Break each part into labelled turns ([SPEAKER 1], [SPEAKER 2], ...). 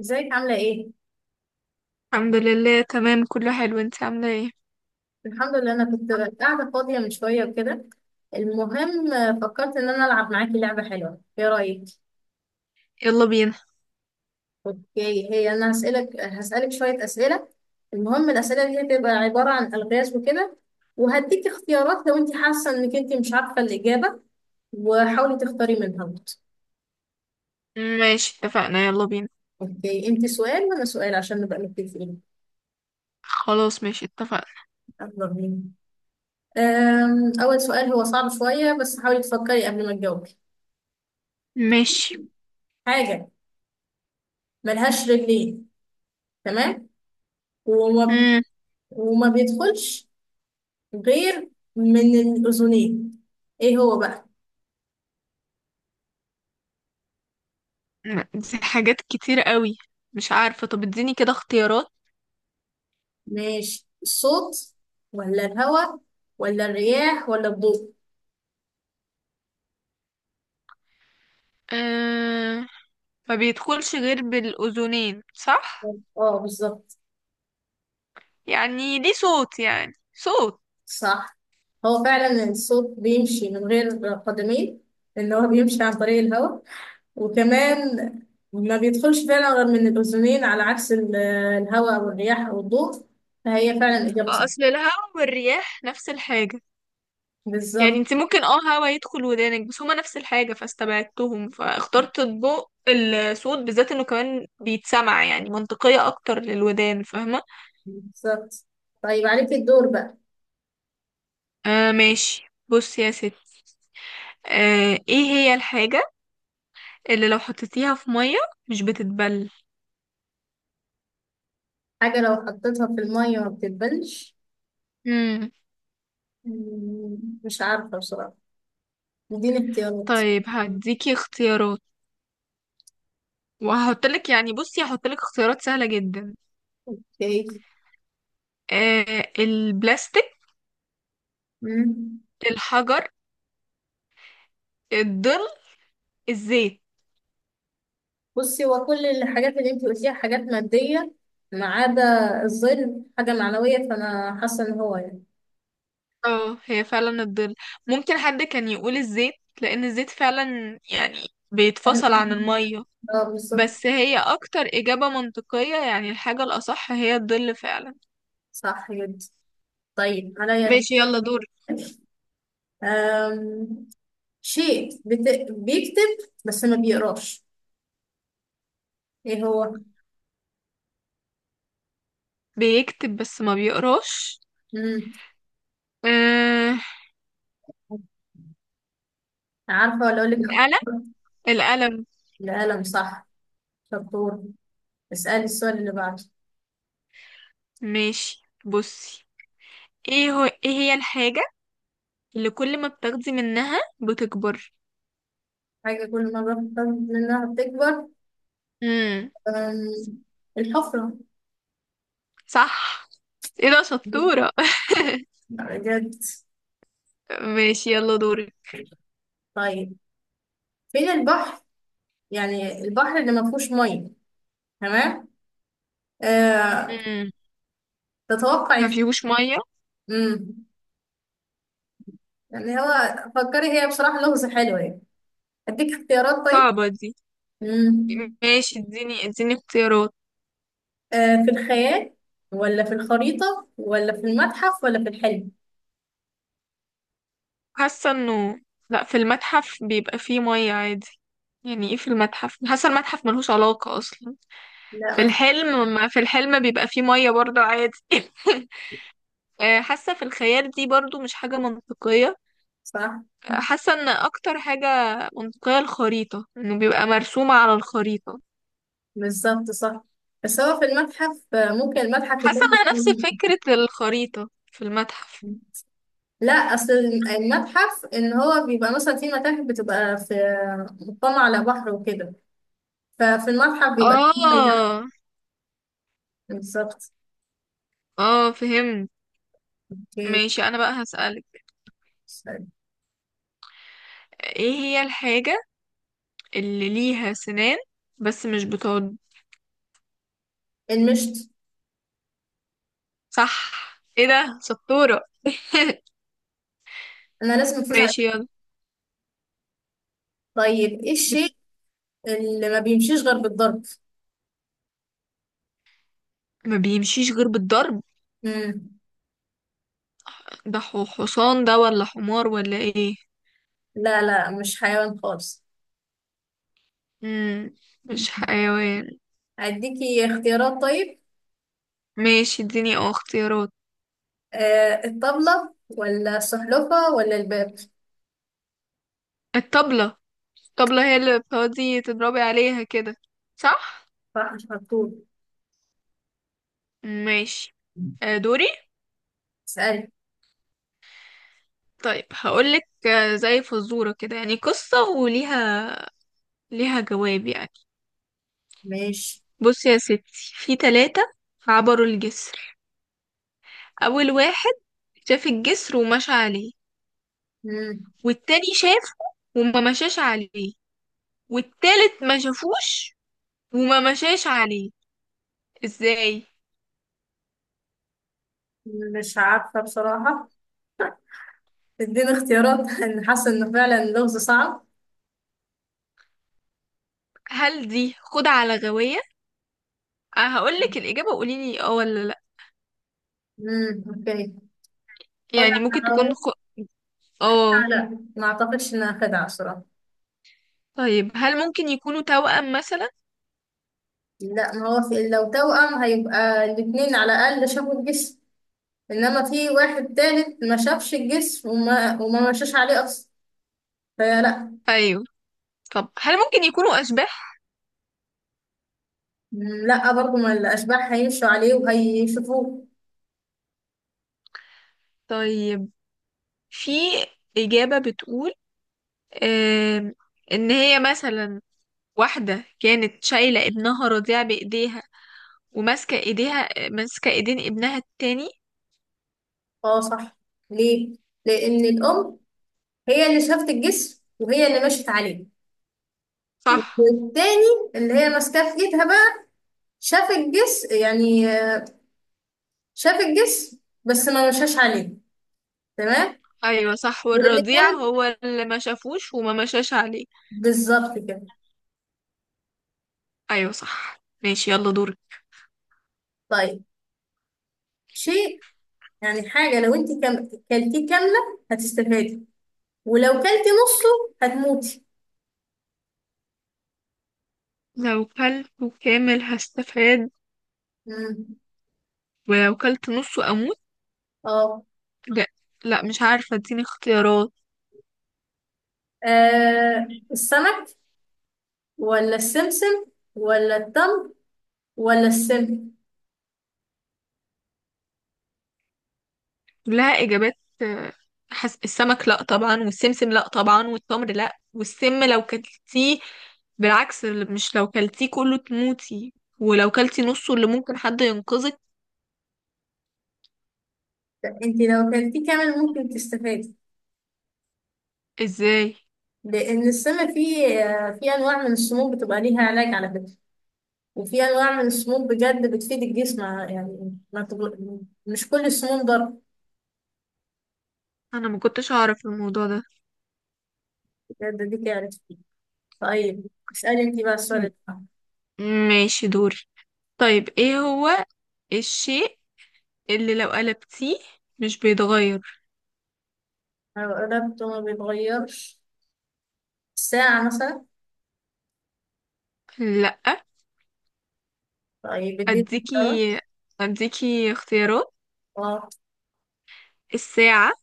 [SPEAKER 1] ازيك؟ عاملة ايه؟
[SPEAKER 2] الحمد لله، تمام. كله حلو. انت عاملة ايه؟
[SPEAKER 1] الحمد لله، انا كنت قاعدة فاضية من شوية وكده. المهم، فكرت ان انا العب معاكي لعبة حلوة. ايه رأيك؟
[SPEAKER 2] يلا بينا.
[SPEAKER 1] اوكي، هي انا هسألك شوية اسئلة. المهم الاسئلة دي هتبقى عبارة عن الغاز وكده، وهديكي اختيارات لو انت حاسة انك انت مش عارفة الاجابة، وحاولي تختاري منها برضه.
[SPEAKER 2] ماشي اتفقنا، يلا بينا.
[SPEAKER 1] اوكي، انت سؤال وانا سؤال عشان نبقى متفقين.
[SPEAKER 2] خلاص ماشي اتفقنا.
[SPEAKER 1] يلا بينا. اول سؤال هو صعب شوية، بس حاولي تفكري قبل ما تجاوبي.
[SPEAKER 2] ماشي.
[SPEAKER 1] حاجة ملهاش رجلين، تمام؟ وما
[SPEAKER 2] امم.
[SPEAKER 1] وما بيدخلش غير من الأذنين. ايه هو بقى؟
[SPEAKER 2] دي حاجات كتير قوي. مش عارفة، طب اديني كده اختيارات.
[SPEAKER 1] ماشي، الصوت ولا الهواء ولا الرياح ولا الضوء؟
[SPEAKER 2] أه. ما بيدخلش غير بالأذنين، صح.
[SPEAKER 1] اه، بالظبط.
[SPEAKER 2] يعني ليه صوت، يعني صوت.
[SPEAKER 1] صح، هو فعلا الصوت بيمشي من غير قدمين، لأن هو بيمشي عن طريق الهواء، وكمان ما بيدخلش فعلا غير من الأذنين، على عكس الهواء أو الرياح أو الضوء. فهي فعلا إجابة صح.
[SPEAKER 2] اصل الهواء والرياح نفس الحاجة. يعني
[SPEAKER 1] بالظبط،
[SPEAKER 2] انت ممكن هوا يدخل ودانك، بس هما نفس الحاجة فاستبعدتهم، فاخترت الضوء. الصوت بالذات انه كمان بيتسمع يعني منطقية اكتر للودان، فاهمة؟
[SPEAKER 1] بالظبط. طيب، عليك الدور بقى.
[SPEAKER 2] آه ماشي، بص يا ست. آه، ايه هي الحاجة اللي لو حطيتيها في مية مش بتتبل؟
[SPEAKER 1] حاجة لو حطيتها في المية ما بتتبلش.
[SPEAKER 2] مم.
[SPEAKER 1] مم، مش عارفة بصراحة، اديني اختيارات.
[SPEAKER 2] طيب هديكي اختيارات، وهحطلك يعني بصي هحطلك اختيارات سهلة جدا.
[SPEAKER 1] ايه؟
[SPEAKER 2] آه، البلاستيك،
[SPEAKER 1] مم.
[SPEAKER 2] الحجر، الظل، الزيت.
[SPEAKER 1] بصي، هو كل الحاجات اللي انت قلتيها حاجات مادية ما عدا الظل، حاجة معنوية، فأنا حاسة إن هو يعني.
[SPEAKER 2] اه هي فعلا الظل. ممكن حد كان يقول الزيت لان الزيت فعلا يعني بيتفصل عن المية،
[SPEAKER 1] اه، بالظبط.
[SPEAKER 2] بس هي اكتر اجابة منطقية، يعني الحاجة الاصح هي الظل فعلا.
[SPEAKER 1] صح جدا. طيب، عليا دور.
[SPEAKER 2] ماشي يلا دور.
[SPEAKER 1] أم... شيء بيكتب بس ما بيقراش. ايه هو؟
[SPEAKER 2] بيكتب بس ما بيقراش؟
[SPEAKER 1] مم.
[SPEAKER 2] آه،
[SPEAKER 1] عارفة ولا أقول لك؟
[SPEAKER 2] القلم، القلم.
[SPEAKER 1] القلم، صح، شطور. اسألي السؤال اللي بعده.
[SPEAKER 2] ماشي بصي، ايه هو، ايه هي الحاجة اللي كل ما بتاخدي منها بتكبر؟
[SPEAKER 1] حاجة كل مرة بتخاف منها بتكبر؟
[SPEAKER 2] امم.
[SPEAKER 1] أم، الحفرة.
[SPEAKER 2] صح. ايه ده شطورة.
[SPEAKER 1] بجد؟
[SPEAKER 2] ماشي يلا دوري.
[SPEAKER 1] طيب، فين البحر؟ يعني البحر اللي ما فيهوش مية. تمام؟ أه.
[SPEAKER 2] امم.
[SPEAKER 1] تتوقع.
[SPEAKER 2] ما فيهوش مية.
[SPEAKER 1] امم. يعني هو، فكري، هي بصراحة لغز حلو يعني. اديك اختيارات طيب؟
[SPEAKER 2] صعبة دي.
[SPEAKER 1] امم.
[SPEAKER 2] ماشي اديني اديني اختيارات.
[SPEAKER 1] أه، في الخيال ولا في الخريطة ولا في المتحف ولا في الحلم؟
[SPEAKER 2] حاسة انه لا، في المتحف بيبقى فيه مية عادي، يعني ايه في المتحف، حاسة المتحف ملهوش علاقة اصلا. في
[SPEAKER 1] لا، ما في-
[SPEAKER 2] الحلم، ما في الحلم بيبقى فيه مية برضه عادي. آه، حاسة في الخيال دي برضه مش حاجة منطقية.
[SPEAKER 1] صح،
[SPEAKER 2] آه، حاسة ان اكتر حاجة منطقية الخريطة، انه بيبقى مرسومة على الخريطة.
[SPEAKER 1] بالظبط، صح. بس هو في المتحف، ممكن المتحف
[SPEAKER 2] حاسة
[SPEAKER 1] يكون.
[SPEAKER 2] انها نفس فكرة الخريطة في المتحف.
[SPEAKER 1] لا، اصل المتحف ان هو بيبقى مثلا، في متاحف بتبقى في، مطلة على بحر وكده. ففي المتحف بيبقى.
[SPEAKER 2] اه.
[SPEAKER 1] بالظبط.
[SPEAKER 2] اه فهمت.
[SPEAKER 1] اوكي.
[SPEAKER 2] ماشي انا بقى هسألك،
[SPEAKER 1] سوري.
[SPEAKER 2] ايه هي الحاجة اللي ليها سنان بس مش بتعض؟
[SPEAKER 1] المشط.
[SPEAKER 2] صح. ايه ده شطورة.
[SPEAKER 1] انا لازم افوز
[SPEAKER 2] ماشي
[SPEAKER 1] عليه.
[SPEAKER 2] يلا.
[SPEAKER 1] طيب، ايه
[SPEAKER 2] بت...
[SPEAKER 1] الشيء اللي ما بيمشيش غير بالضرب؟
[SPEAKER 2] ما بيمشيش غير بالضرب.
[SPEAKER 1] مم.
[SPEAKER 2] حصان ده ولا حمار ولا ايه؟
[SPEAKER 1] لا لا، مش حيوان خالص.
[SPEAKER 2] مم. مش حيوان.
[SPEAKER 1] اديكي اختيارات طيب؟
[SPEAKER 2] ماشي اديني اه اختيارات.
[SPEAKER 1] الطبلة، ولا السحلفة ولا الباب؟
[SPEAKER 2] الطبلة، الطبلة هي اللي بتقعدي تضربي عليها كده، صح.
[SPEAKER 1] صح، مش مكتوب.
[SPEAKER 2] ماشي، آه، دوري.
[SPEAKER 1] اسألي.
[SPEAKER 2] طيب هقولك، آه، زي فزورة كده، يعني قصة وليها، ليها جواب يعني.
[SPEAKER 1] ماشي.
[SPEAKER 2] بصي يا ستي، في تلاتة عبروا الجسر. أول واحد شاف الجسر ومشى عليه.
[SPEAKER 1] مم.
[SPEAKER 2] والتاني شافه وما مشاش عليه. والتالت ما شافوش وما مشاش عليه. ازاي؟
[SPEAKER 1] مش عارفة بصراحة، اديني اختيارات. انا حاسه انه فعلا اللغز صعب.
[SPEAKER 2] هل دي خدعة على غواية؟ أه هقولك الإجابة، قوليلي اه ولا لأ.
[SPEAKER 1] اوكي.
[SPEAKER 2] يعني
[SPEAKER 1] خدعة
[SPEAKER 2] ممكن تكون
[SPEAKER 1] حضارية؟
[SPEAKER 2] خ... اه.
[SPEAKER 1] لا، ما اعتقدش انها خدعة بصراحة.
[SPEAKER 2] طيب هل ممكن يكونوا توأم مثلا؟
[SPEAKER 1] لا، ما هو في، لو توأم هيبقى الاتنين على الاقل شافوا الجسم، انما في واحد تالت ما شافش الجسم وما مشاش عليه اصلا، فلا.
[SPEAKER 2] أيوه. طب هل ممكن يكونوا أشباح؟
[SPEAKER 1] لا برضه، ما الاشباح هيمشوا عليه وهيشوفوه.
[SPEAKER 2] طيب، في إجابة بتقول آم، إن هي مثلا واحدة كانت شايلة ابنها رضيع بإيديها، وماسكة إيديها، ماسكة إيدين ابنها التاني.
[SPEAKER 1] اه، صح. ليه؟ لان الام هي اللي شافت الجسم، وهي اللي مشت عليه.
[SPEAKER 2] صح.
[SPEAKER 1] والتاني اللي هي ماسكاه في ايدها بقى، شاف الجسم، يعني شاف الجسم بس ما مشاش عليه. تمام.
[SPEAKER 2] أيوة صح،
[SPEAKER 1] واللي
[SPEAKER 2] والرضيع
[SPEAKER 1] كان
[SPEAKER 2] هو اللي ما شافوش وما مشاش عليه.
[SPEAKER 1] بالظبط كده.
[SPEAKER 2] أيوة صح، ماشي يلا دورك.
[SPEAKER 1] طيب، شيء، يعني حاجة لو انت كلتيه كاملة هتستفادي، ولو كلتي نصه هتموتي.
[SPEAKER 2] لو كلته كامل هستفاد،
[SPEAKER 1] مم.
[SPEAKER 2] ولو كلت نصه أموت؟
[SPEAKER 1] اه.
[SPEAKER 2] لا، لا مش عارفة اديني اختيارات.
[SPEAKER 1] السمك ولا السمسم ولا التمر ولا السم؟
[SPEAKER 2] كلها إجابات. آه، السمك لا طبعا، والسمسم لا طبعا، والتمر لا، والسم لو كلتيه بالعكس، مش لو كلتيه كله تموتي، ولو كلتي نصه اللي ممكن حد ينقذك.
[SPEAKER 1] انت لو كلتيه كامل ممكن تستفادي،
[SPEAKER 2] ازاي؟
[SPEAKER 1] لان السم فيه انواع من السموم بتبقى ليها علاج على فكرة، وفي انواع من السموم بجد بتفيد الجسم، يعني ما تغل... مش كل السموم ضر.
[SPEAKER 2] انا ما كنتش اعرف الموضوع ده.
[SPEAKER 1] بجد؟ دي تعرف. طيب، اسألي انت بقى
[SPEAKER 2] م-
[SPEAKER 1] السؤال ده.
[SPEAKER 2] ماشي دوري. طيب ايه هو الشيء اللي لو قلبتيه مش بيتغير؟
[SPEAKER 1] لو قلبت ما بيتغيرش. ساعة مثلا؟
[SPEAKER 2] لا.
[SPEAKER 1] طيب، اديني اختيارات.
[SPEAKER 2] اديكي اديكي اختيارات.
[SPEAKER 1] اه.
[SPEAKER 2] الساعة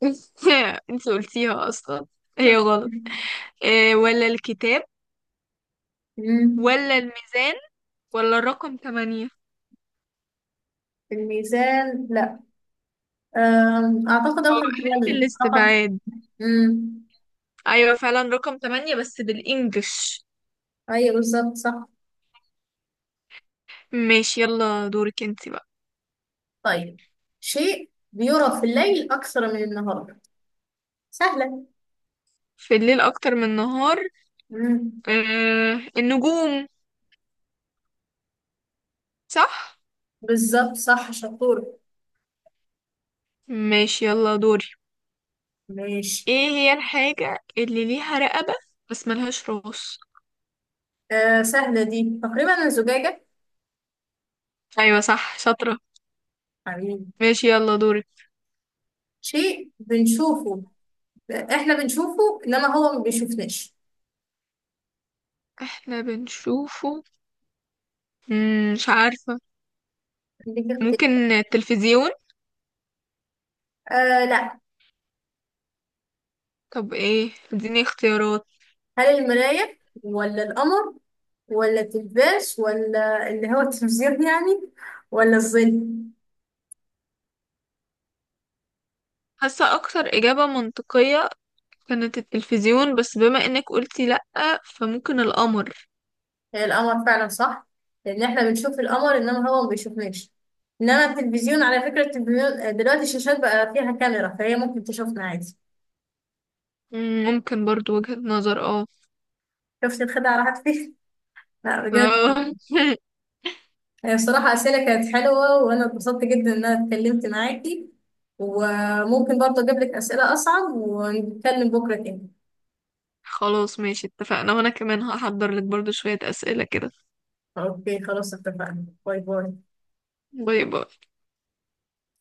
[SPEAKER 2] انت قلتيها اصلا، هي غلط. إيه، ولا الكتاب،
[SPEAKER 1] أمم.
[SPEAKER 2] ولا الميزان، ولا الرقم 8؟
[SPEAKER 1] الميزان، لا. اعتقد
[SPEAKER 2] اه
[SPEAKER 1] رقم
[SPEAKER 2] احلي
[SPEAKER 1] التلج، رقم.
[SPEAKER 2] بالاستبعاد.
[SPEAKER 1] امم.
[SPEAKER 2] ايوه فعلا رقم تمانية بس بالانجلش.
[SPEAKER 1] ايوه، بالظبط، صح.
[SPEAKER 2] ماشي يلا دورك انت بقى.
[SPEAKER 1] طيب، شيء بيرى في الليل اكثر من النهار. سهلة.
[SPEAKER 2] في الليل اكتر من النهار؟
[SPEAKER 1] امم.
[SPEAKER 2] آه النجوم. صح.
[SPEAKER 1] بالظبط، صح، شطور.
[SPEAKER 2] ماشي يلا دوري.
[SPEAKER 1] ماشي.
[SPEAKER 2] ايه هي الحاجة اللي ليها رقبة بس ملهاش راس؟
[SPEAKER 1] آه، سهلة دي تقريبا، الزجاجة.
[SPEAKER 2] ايوه صح، شاطرة.
[SPEAKER 1] حبيبي.
[SPEAKER 2] ماشي يلا دورك.
[SPEAKER 1] شيء بنشوفه، احنا بنشوفه انما هو ما بيشوفناش.
[SPEAKER 2] احنا بنشوفه. مم، مش عارفة.
[SPEAKER 1] دي كده.
[SPEAKER 2] ممكن التلفزيون.
[SPEAKER 1] آه، لا.
[SPEAKER 2] طب ايه، اديني اختيارات.
[SPEAKER 1] هل المراية، ولا القمر ولا التلفاز، ولا اللي هو التلفزيون يعني، ولا الظل؟
[SPEAKER 2] حاسة أكتر إجابة منطقية كانت التلفزيون، بس بما إنك قلتي لأ فممكن القمر.
[SPEAKER 1] هي القمر فعلا، صح. لان احنا بنشوف القمر انما هو ما بيشوفناش. انما التلفزيون، على فكرة التلفزيون دلوقتي الشاشات بقى فيها كاميرا، فهي ممكن تشوفنا عادي.
[SPEAKER 2] مم، ممكن برضو وجهة نظر، اه.
[SPEAKER 1] شفت الخدعة راحت فين؟ لا بجد،
[SPEAKER 2] آه.
[SPEAKER 1] هي بصراحة أسئلة كانت حلوة، وأنا اتبسطت جدا إن أنا اتكلمت معاكي، وممكن برضه أجيب لك أسئلة أصعب ونتكلم بكرة تاني.
[SPEAKER 2] خلاص ماشي اتفقنا، وانا كمان هحضر لك برضو شوية اسئلة كده.
[SPEAKER 1] أوكي، خلاص، اتفقنا. باي باي.
[SPEAKER 2] باي باي.